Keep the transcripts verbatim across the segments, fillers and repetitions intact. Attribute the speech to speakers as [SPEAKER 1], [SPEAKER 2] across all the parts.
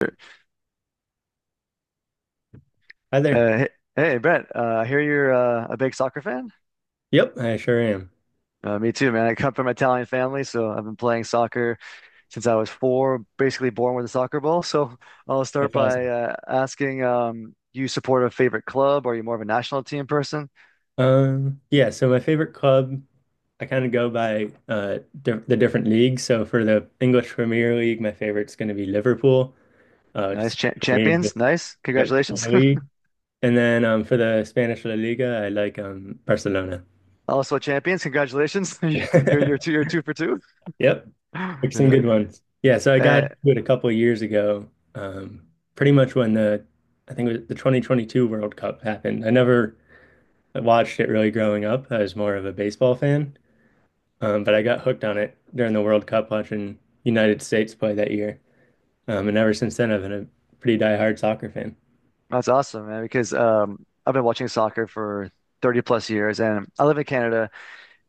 [SPEAKER 1] Sure.
[SPEAKER 2] Hi there.
[SPEAKER 1] Uh, hey, hey, Brent, uh, I hear you're uh, a big soccer fan.
[SPEAKER 2] Yep, I sure am.
[SPEAKER 1] Uh, me too, man. I come from an Italian family, so I've been playing soccer since I was four, basically born with a soccer ball. So I'll start
[SPEAKER 2] That's
[SPEAKER 1] by
[SPEAKER 2] awesome.
[SPEAKER 1] uh, asking, um, do you support a favorite club? Are you more of a national team person?
[SPEAKER 2] Um, yeah, so my favorite club, I kind of go by uh di the different leagues. So for the English Premier League, my favorite's going to be Liverpool. Uh,
[SPEAKER 1] Nice.
[SPEAKER 2] just
[SPEAKER 1] Cha
[SPEAKER 2] for me,
[SPEAKER 1] champions.
[SPEAKER 2] just,
[SPEAKER 1] Nice.
[SPEAKER 2] yep, just for the
[SPEAKER 1] Congratulations.
[SPEAKER 2] league. And then um for the Spanish La Liga, I like um Barcelona.
[SPEAKER 1] Also champions. Congratulations. You- You're, you're two, you're two for two.
[SPEAKER 2] Yep, pick some
[SPEAKER 1] Yeah.
[SPEAKER 2] good ones. Yeah, so I got
[SPEAKER 1] Uh,
[SPEAKER 2] into it a couple of years ago. Um, pretty much when the I think it was the twenty twenty-two World Cup happened. I never watched it really growing up. I was more of a baseball fan, um, but I got hooked on it during the World Cup watching United States play that year. Um, and ever since then, I've been a pretty diehard soccer fan.
[SPEAKER 1] that's awesome, man, because um, I've been watching soccer for thirty plus years and I live in Canada.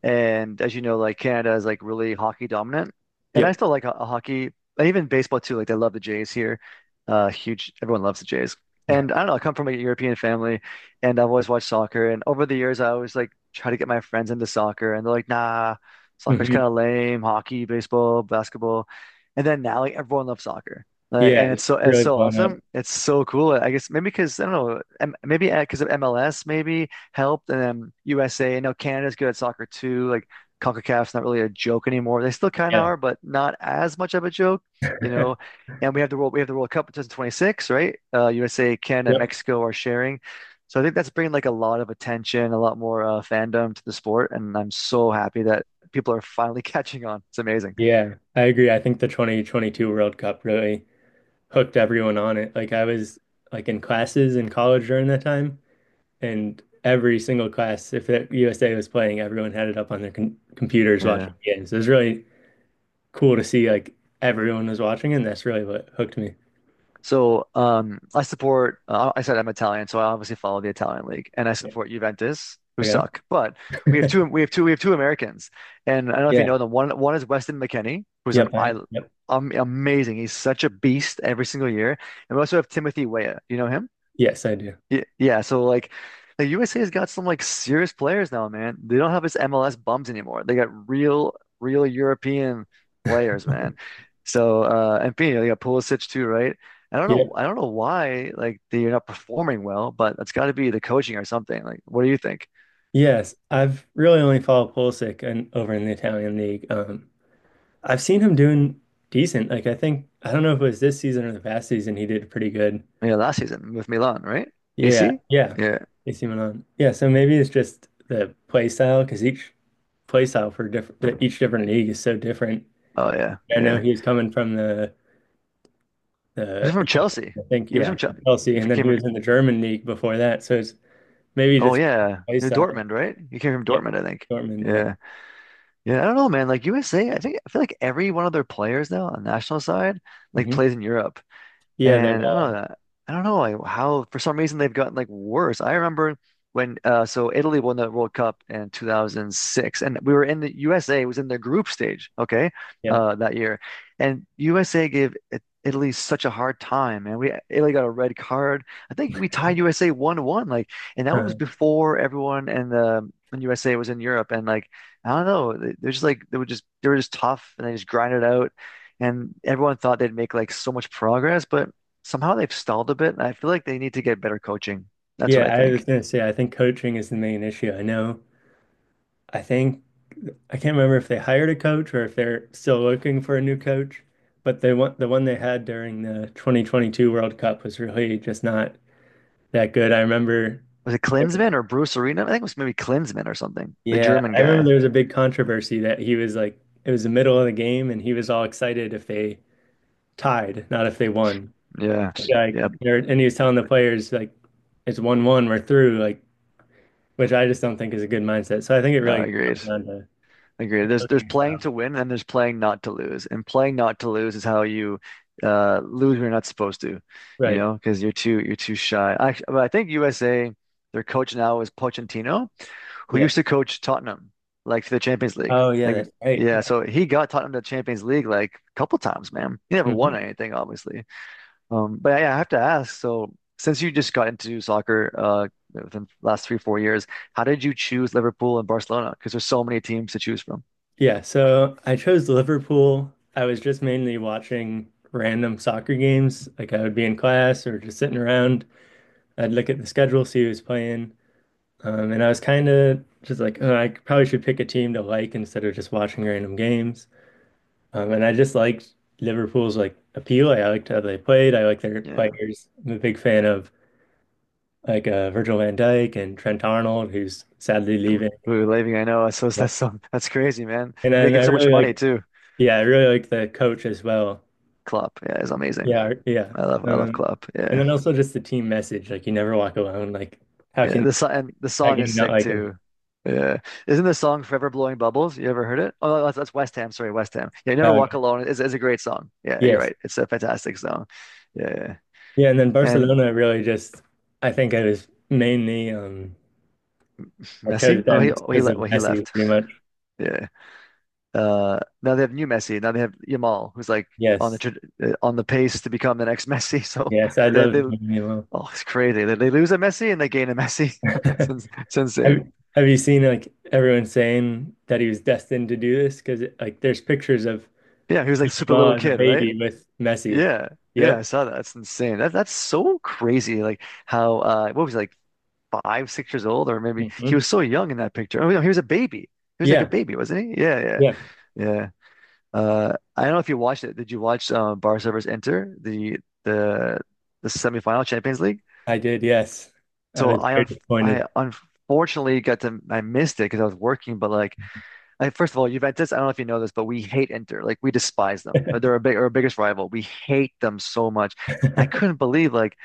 [SPEAKER 1] And as you know, like Canada is like really hockey dominant. And I
[SPEAKER 2] Yep.
[SPEAKER 1] still like ho- hockey and even baseball too. Like they love the Jays here. Uh, huge. Everyone loves the Jays. And I don't know, I come from a European family and I've always watched soccer. And over the years, I always like try to get my friends into soccer and they're like, nah, soccer's kind
[SPEAKER 2] hmm
[SPEAKER 1] of lame, hockey, baseball, basketball. And then now like everyone loves soccer. Like,
[SPEAKER 2] Yeah,
[SPEAKER 1] and
[SPEAKER 2] it's
[SPEAKER 1] it's so it's
[SPEAKER 2] really
[SPEAKER 1] so
[SPEAKER 2] blown up.
[SPEAKER 1] awesome. It's so cool. I guess maybe because I don't know, M- maybe because of M L S, maybe helped. And then U S A, I know Canada's good at soccer too. Like CONCACAF's not really a joke anymore. They still kind of
[SPEAKER 2] Yeah.
[SPEAKER 1] are, but not as much of a joke, you know. And we have the world we have the World Cup in two thousand twenty-six, right? Uh, U S A, Canada, and
[SPEAKER 2] Yep.
[SPEAKER 1] Mexico are sharing. So I think that's bringing like a lot of attention, a lot more uh, fandom to the sport, and I'm so happy that people are finally catching on. It's amazing.
[SPEAKER 2] Yeah, I agree. I think the twenty twenty-two World Cup really hooked everyone on it. Like I was like in classes in college during that time, and every single class, if the U S A was playing, everyone had it up on their com computers watching
[SPEAKER 1] Yeah.
[SPEAKER 2] games. It was really cool to see like everyone was watching, and that's really what hooked me.
[SPEAKER 1] So um, I support. Uh, I said I'm Italian, so I obviously follow the Italian league, and I support Juventus, who
[SPEAKER 2] Okay.
[SPEAKER 1] suck. But we have two. We have two. We have two Americans, and I don't know if you
[SPEAKER 2] Yeah.
[SPEAKER 1] know them. One one is Weston McKennie, who's um,
[SPEAKER 2] Yep.
[SPEAKER 1] I,
[SPEAKER 2] I, yep.
[SPEAKER 1] um, amazing. He's such a beast every single year, and we also have Timothy Weah. You know him?
[SPEAKER 2] Yes, I do.
[SPEAKER 1] Yeah, yeah, so like the U S A's got some like serious players now, man. They don't have this M L S bums anymore. They got real, real European players, man. So uh and you know, they got Pulisic too, right? I don't know
[SPEAKER 2] Yep.
[SPEAKER 1] I don't know why like they're not performing well, but it's gotta be the coaching or something. Like what do you think?
[SPEAKER 2] Yes, I've really only followed Pulisic and over in the Italian league. Um, I've seen him doing decent. Like I think I don't know if it was this season or the past season he did pretty good.
[SPEAKER 1] Yeah, last season with Milan, right?
[SPEAKER 2] Yeah.
[SPEAKER 1] A C?
[SPEAKER 2] Yeah.
[SPEAKER 1] Yeah.
[SPEAKER 2] A C Milan. Yeah. So maybe it's just the play style because each play style for different each different league is so different.
[SPEAKER 1] Oh yeah,
[SPEAKER 2] I know
[SPEAKER 1] yeah.
[SPEAKER 2] he's coming from the
[SPEAKER 1] He was
[SPEAKER 2] the
[SPEAKER 1] from Chelsea.
[SPEAKER 2] I think,
[SPEAKER 1] He was
[SPEAKER 2] yeah,
[SPEAKER 1] from Chelsea.
[SPEAKER 2] Chelsea,
[SPEAKER 1] He
[SPEAKER 2] and then
[SPEAKER 1] came
[SPEAKER 2] he
[SPEAKER 1] from
[SPEAKER 2] was in the German league before that. So it's maybe
[SPEAKER 1] oh
[SPEAKER 2] just
[SPEAKER 1] yeah.
[SPEAKER 2] play
[SPEAKER 1] He was
[SPEAKER 2] style.
[SPEAKER 1] Dortmund, right? He came from
[SPEAKER 2] Yep,
[SPEAKER 1] Dortmund, I think.
[SPEAKER 2] Dortmund. Yeah,
[SPEAKER 1] Yeah. Yeah, I don't know, man. Like U S A, I think I feel like every one of their players now on the national side like
[SPEAKER 2] hmm
[SPEAKER 1] plays in Europe.
[SPEAKER 2] yeah, they've
[SPEAKER 1] And I don't
[SPEAKER 2] all.
[SPEAKER 1] know I don't know like how for some reason they've gotten like worse. I remember when uh so Italy won the World Cup in two thousand six and we were in the U S A was in the group stage, okay?
[SPEAKER 2] Yeah,
[SPEAKER 1] Uh that year. And U S A gave I- Italy such a hard time and we Italy got a red card. I think we tied U S A one to one, like, and that
[SPEAKER 2] uh
[SPEAKER 1] was before everyone and the when U S A was in Europe and like I don't know, they- they're just like they were just they were just tough and they just grinded out and everyone thought they'd make like so much progress, but somehow they've stalled a bit, and I feel like they need to get better coaching. That's what I
[SPEAKER 2] yeah. I was
[SPEAKER 1] think.
[SPEAKER 2] gonna say, I think coaching is the main issue. I know. I think I can't remember if they hired a coach or if they're still looking for a new coach. But they want the one they had during the two thousand twenty-two World Cup was really just not that good. I remember.
[SPEAKER 1] Was it Klinsmann or Bruce Arena? I think it was maybe Klinsmann or something, the
[SPEAKER 2] Yeah,
[SPEAKER 1] German
[SPEAKER 2] I remember
[SPEAKER 1] guy.
[SPEAKER 2] there was a big controversy that he was like, it was the middle of the game, and he was all excited if they tied, not if they won.
[SPEAKER 1] Yeah.
[SPEAKER 2] Like,
[SPEAKER 1] Yep.
[SPEAKER 2] and he was telling the players like it's one one, we're through. Like, which I just don't think is a good mindset. So I think it
[SPEAKER 1] No,
[SPEAKER 2] really
[SPEAKER 1] I agreed.
[SPEAKER 2] comes down to
[SPEAKER 1] I agree.
[SPEAKER 2] the
[SPEAKER 1] There's there's
[SPEAKER 2] coaching
[SPEAKER 1] playing
[SPEAKER 2] style,
[SPEAKER 1] to win and there's playing not to lose. And playing not to lose is how you uh lose when you're not supposed to, you
[SPEAKER 2] right?
[SPEAKER 1] know, because you're too you're too shy. I, I think U S A, their coach now is Pochettino, who used
[SPEAKER 2] Yes.
[SPEAKER 1] to coach Tottenham, like for the Champions League.
[SPEAKER 2] Oh yeah,
[SPEAKER 1] Like,
[SPEAKER 2] that's right.
[SPEAKER 1] yeah,
[SPEAKER 2] Yeah.
[SPEAKER 1] so he got Tottenham to the Champions League like a couple times, man. He never won
[SPEAKER 2] Mhm.
[SPEAKER 1] anything, obviously. Um, but yeah, I have to ask. So, since you just got into soccer, uh, within the last three, four years, how did you choose Liverpool and Barcelona? Because there's so many teams to choose from.
[SPEAKER 2] Yeah. So I chose Liverpool. I was just mainly watching random soccer games. Like I would be in class or just sitting around. I'd look at the schedule, see who's playing. Um, and I was kind of just like, oh, I probably should pick a team to like instead of just watching random games. Um, and I just liked Liverpool's like appeal. I liked how they played. I like their
[SPEAKER 1] Yeah.
[SPEAKER 2] players. I'm a big fan of like uh, Virgil van Dijk and Trent Arnold, who's sadly leaving.
[SPEAKER 1] Ooh, Levy, I know. So
[SPEAKER 2] Yeah.
[SPEAKER 1] that's so that's crazy, man.
[SPEAKER 2] And
[SPEAKER 1] You're
[SPEAKER 2] then
[SPEAKER 1] making
[SPEAKER 2] I
[SPEAKER 1] so much
[SPEAKER 2] really
[SPEAKER 1] money
[SPEAKER 2] like,
[SPEAKER 1] too.
[SPEAKER 2] yeah, I really like the coach as well.
[SPEAKER 1] Klopp, yeah, is amazing.
[SPEAKER 2] Yeah, yeah.
[SPEAKER 1] I love I love
[SPEAKER 2] Um,
[SPEAKER 1] Klopp.
[SPEAKER 2] and
[SPEAKER 1] Yeah.
[SPEAKER 2] then also just the team message, like you never walk alone. Like how
[SPEAKER 1] Yeah,
[SPEAKER 2] can
[SPEAKER 1] the song and the
[SPEAKER 2] how
[SPEAKER 1] song
[SPEAKER 2] can
[SPEAKER 1] is
[SPEAKER 2] you not
[SPEAKER 1] sick
[SPEAKER 2] like him?
[SPEAKER 1] too. Yeah, isn't the song "Forever Blowing Bubbles"? You ever heard it? Oh, no, that's, that's West Ham. Sorry, West Ham. Yeah, "Never
[SPEAKER 2] Oh,
[SPEAKER 1] Walk
[SPEAKER 2] okay.
[SPEAKER 1] Alone" is is a great song. Yeah, you're
[SPEAKER 2] Yes.
[SPEAKER 1] right. It's a fantastic song. Yeah,
[SPEAKER 2] Yeah, and then
[SPEAKER 1] yeah, and
[SPEAKER 2] Barcelona really just, I think I was mainly um I chose
[SPEAKER 1] Messi. Oh, no,
[SPEAKER 2] them
[SPEAKER 1] he
[SPEAKER 2] just
[SPEAKER 1] oh, he
[SPEAKER 2] because of
[SPEAKER 1] left. Well, he
[SPEAKER 2] Messi,
[SPEAKER 1] left.
[SPEAKER 2] pretty much.
[SPEAKER 1] Yeah. Uh, now they have new Messi. Now they have Yamal, who's like on the
[SPEAKER 2] Yes.
[SPEAKER 1] tra- uh, on the pace to become the next Messi. So
[SPEAKER 2] Yes, I
[SPEAKER 1] they
[SPEAKER 2] love
[SPEAKER 1] they
[SPEAKER 2] Lamine Yamal.
[SPEAKER 1] oh, it's crazy. They, they lose a Messi and they gain a Messi. It's, ins- it's insane.
[SPEAKER 2] Have, have you seen like everyone saying that he was destined to do this? Because like there's pictures of
[SPEAKER 1] Yeah, he was like super
[SPEAKER 2] Yamal
[SPEAKER 1] little
[SPEAKER 2] as a
[SPEAKER 1] kid, right?
[SPEAKER 2] baby with Messi.
[SPEAKER 1] Yeah, yeah, I
[SPEAKER 2] Yep.
[SPEAKER 1] saw that. That's insane. That that's so crazy. Like how uh what was he, like five, six years old, or maybe he
[SPEAKER 2] hmm
[SPEAKER 1] was so young in that picture. Oh no, he was a baby. He was like a
[SPEAKER 2] Yeah.
[SPEAKER 1] baby, wasn't he? Yeah, yeah,
[SPEAKER 2] Yeah.
[SPEAKER 1] yeah. Uh I don't know if you watched it. Did you watch um Barca versus Inter, the the the semifinal Champions League?
[SPEAKER 2] I did. Yes. I
[SPEAKER 1] So
[SPEAKER 2] was
[SPEAKER 1] I
[SPEAKER 2] very
[SPEAKER 1] un I
[SPEAKER 2] disappointed.
[SPEAKER 1] unfortunately got to I missed it because I was working, but like like, first of all, Juventus, I don't know if you know this, but we hate Inter. Like we despise them. Uh, They're our big, our biggest rival. We hate them so much. And I couldn't believe like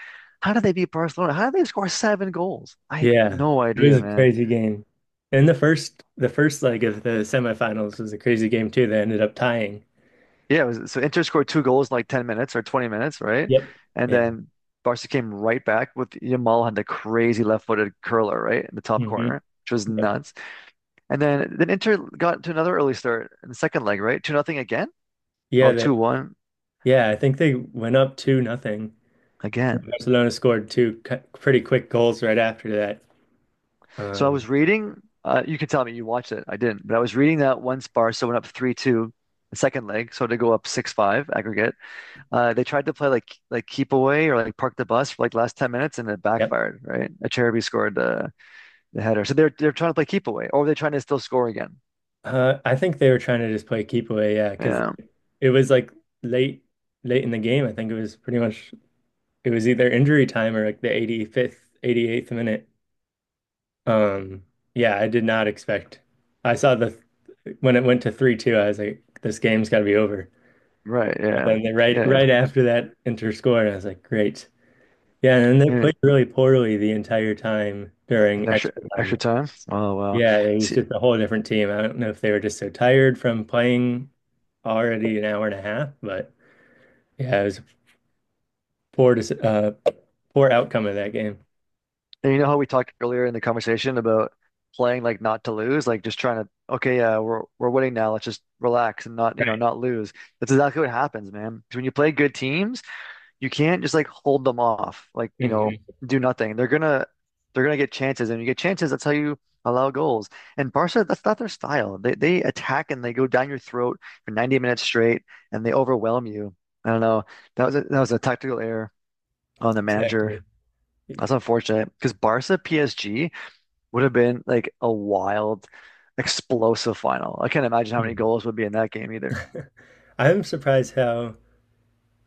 [SPEAKER 1] how did they beat Barcelona? How did they score seven goals? I had
[SPEAKER 2] Yeah.
[SPEAKER 1] no
[SPEAKER 2] It was
[SPEAKER 1] idea,
[SPEAKER 2] a
[SPEAKER 1] man.
[SPEAKER 2] crazy game. And the first the first leg of the semifinals was a crazy game too. They ended up tying.
[SPEAKER 1] Yeah, it was, so Inter scored two goals in like ten minutes or twenty minutes, right?
[SPEAKER 2] Yep.
[SPEAKER 1] And
[SPEAKER 2] Yeah.
[SPEAKER 1] then Barca came right back with Yamal had the crazy left-footed curler, right, in the top
[SPEAKER 2] hmm
[SPEAKER 1] corner, which was
[SPEAKER 2] Yep.
[SPEAKER 1] nuts. And then then Inter got to another early start in the second leg, right? Two nothing again
[SPEAKER 2] Yeah,
[SPEAKER 1] or
[SPEAKER 2] that
[SPEAKER 1] two one
[SPEAKER 2] yeah, I think they went up two nothing.
[SPEAKER 1] again.
[SPEAKER 2] Barcelona scored two cu- pretty quick goals right after that.
[SPEAKER 1] So I
[SPEAKER 2] Um,
[SPEAKER 1] was reading, uh, you can tell me you watched it. I didn't, but I was reading that once Barca went up three two the second leg, so to go up six five aggregate. Uh, they tried to play like like keep away or like park the bus for like last ten minutes and it
[SPEAKER 2] Yep.
[SPEAKER 1] backfired, right? Acerbi scored the the header. So they're they're trying to play keep away or they're trying to still score again.
[SPEAKER 2] Uh, I think they were trying to just play keep away, yeah, because
[SPEAKER 1] Yeah,
[SPEAKER 2] it was like late, late in the game. I think it was pretty much it was either injury time or like the eighty-fifth, eighty-eighth minute. Um, yeah, I did not expect. I saw the when it went to three two, I was like, this game's got to be over.
[SPEAKER 1] right.
[SPEAKER 2] And
[SPEAKER 1] Yeah.
[SPEAKER 2] then they right
[SPEAKER 1] Yeah.
[SPEAKER 2] right after that Inter score, and I was like, great. Yeah, and then they
[SPEAKER 1] And,
[SPEAKER 2] played really poorly the entire time
[SPEAKER 1] and
[SPEAKER 2] during
[SPEAKER 1] extra
[SPEAKER 2] extra
[SPEAKER 1] extra
[SPEAKER 2] time.
[SPEAKER 1] time. Oh wow.
[SPEAKER 2] Yeah, he's
[SPEAKER 1] See,
[SPEAKER 2] just a whole different team. I don't know if they were just so tired from playing already an hour and a half, but yeah, it was a poor, dec- uh, poor outcome of that game.
[SPEAKER 1] and you know how we talked earlier in the conversation about playing like not to lose, like just trying to, okay, yeah, we're we're winning now. Let's just relax and not, you know, not lose. That's exactly what happens, man. 'Cause when you play good teams, you can't just like hold them off, like, you know,
[SPEAKER 2] Hmm
[SPEAKER 1] do nothing. They're gonna they're gonna get chances, and you get chances, that's how you allow goals. And Barca, that's not their style. They they attack and they go down your throat for ninety minutes straight and they overwhelm you. I don't know. That was a, that was a tactical error on the manager.
[SPEAKER 2] Exactly.
[SPEAKER 1] That's unfortunate because Barca P S G would have been like a wild, explosive final. I can't imagine how
[SPEAKER 2] Mm.
[SPEAKER 1] many goals would be in that game either.
[SPEAKER 2] I'm surprised how,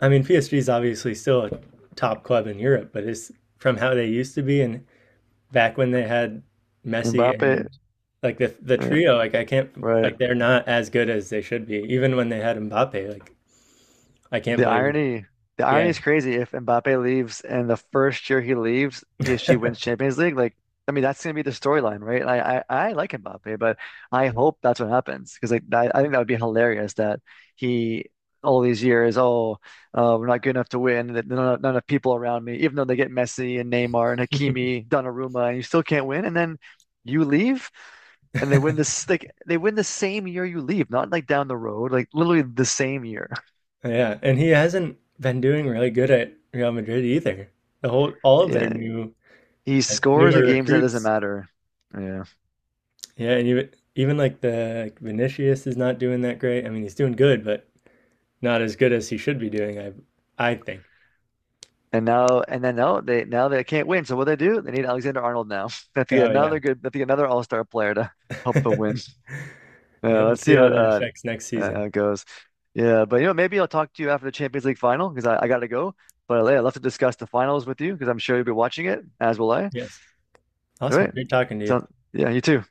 [SPEAKER 2] I mean, P S G is obviously still a top club in Europe, but it's from how they used to be and back when they had Messi
[SPEAKER 1] Mbappe,
[SPEAKER 2] and like the the
[SPEAKER 1] uh,
[SPEAKER 2] trio, like I can't,
[SPEAKER 1] right.
[SPEAKER 2] like they're not as good as they should be, even when they had Mbappe. Like I can't
[SPEAKER 1] The
[SPEAKER 2] believe,
[SPEAKER 1] irony, the
[SPEAKER 2] yeah.
[SPEAKER 1] irony is crazy. If Mbappe leaves and the first year he leaves, P S G wins Champions League, like I mean that's gonna be the storyline, right? I, I I like Mbappe, but I hope that's what happens because like that, I think that would be hilarious that he all these years, oh, uh, we're not good enough to win. That none, none of people around me, even though they get Messi and Neymar and Hakimi, Donnarumma, and you still can't win, and then you leave. And they win this like they win the same year you leave, not like down the road, like literally the same year.
[SPEAKER 2] Yeah, and he hasn't been doing really good at Real Madrid either. The whole all of their new
[SPEAKER 1] He
[SPEAKER 2] like
[SPEAKER 1] scores in
[SPEAKER 2] newer
[SPEAKER 1] games that doesn't
[SPEAKER 2] recruits.
[SPEAKER 1] matter. Yeah.
[SPEAKER 2] Yeah, and even even like the like Vinicius is not doing that great. I mean, he's doing good, but not as good as he should be doing, I I think.
[SPEAKER 1] And now and then now they now they can't win. So what they do? They need Alexander Arnold now. They have to get
[SPEAKER 2] Oh yeah.
[SPEAKER 1] another good they have to get another all-star player to help them win.
[SPEAKER 2] Yeah,
[SPEAKER 1] Yeah,
[SPEAKER 2] we'll
[SPEAKER 1] let's see
[SPEAKER 2] see
[SPEAKER 1] how
[SPEAKER 2] how that
[SPEAKER 1] uh,
[SPEAKER 2] affects next
[SPEAKER 1] uh,
[SPEAKER 2] season.
[SPEAKER 1] how it goes. Yeah, but you know, maybe I'll talk to you after the Champions League final because I, I gotta go. But yeah, I'd love to discuss the finals with you because I'm sure you'll be watching it, as will I.
[SPEAKER 2] Yes.
[SPEAKER 1] All
[SPEAKER 2] Awesome.
[SPEAKER 1] right.
[SPEAKER 2] Great talking to you.
[SPEAKER 1] So yeah, you too.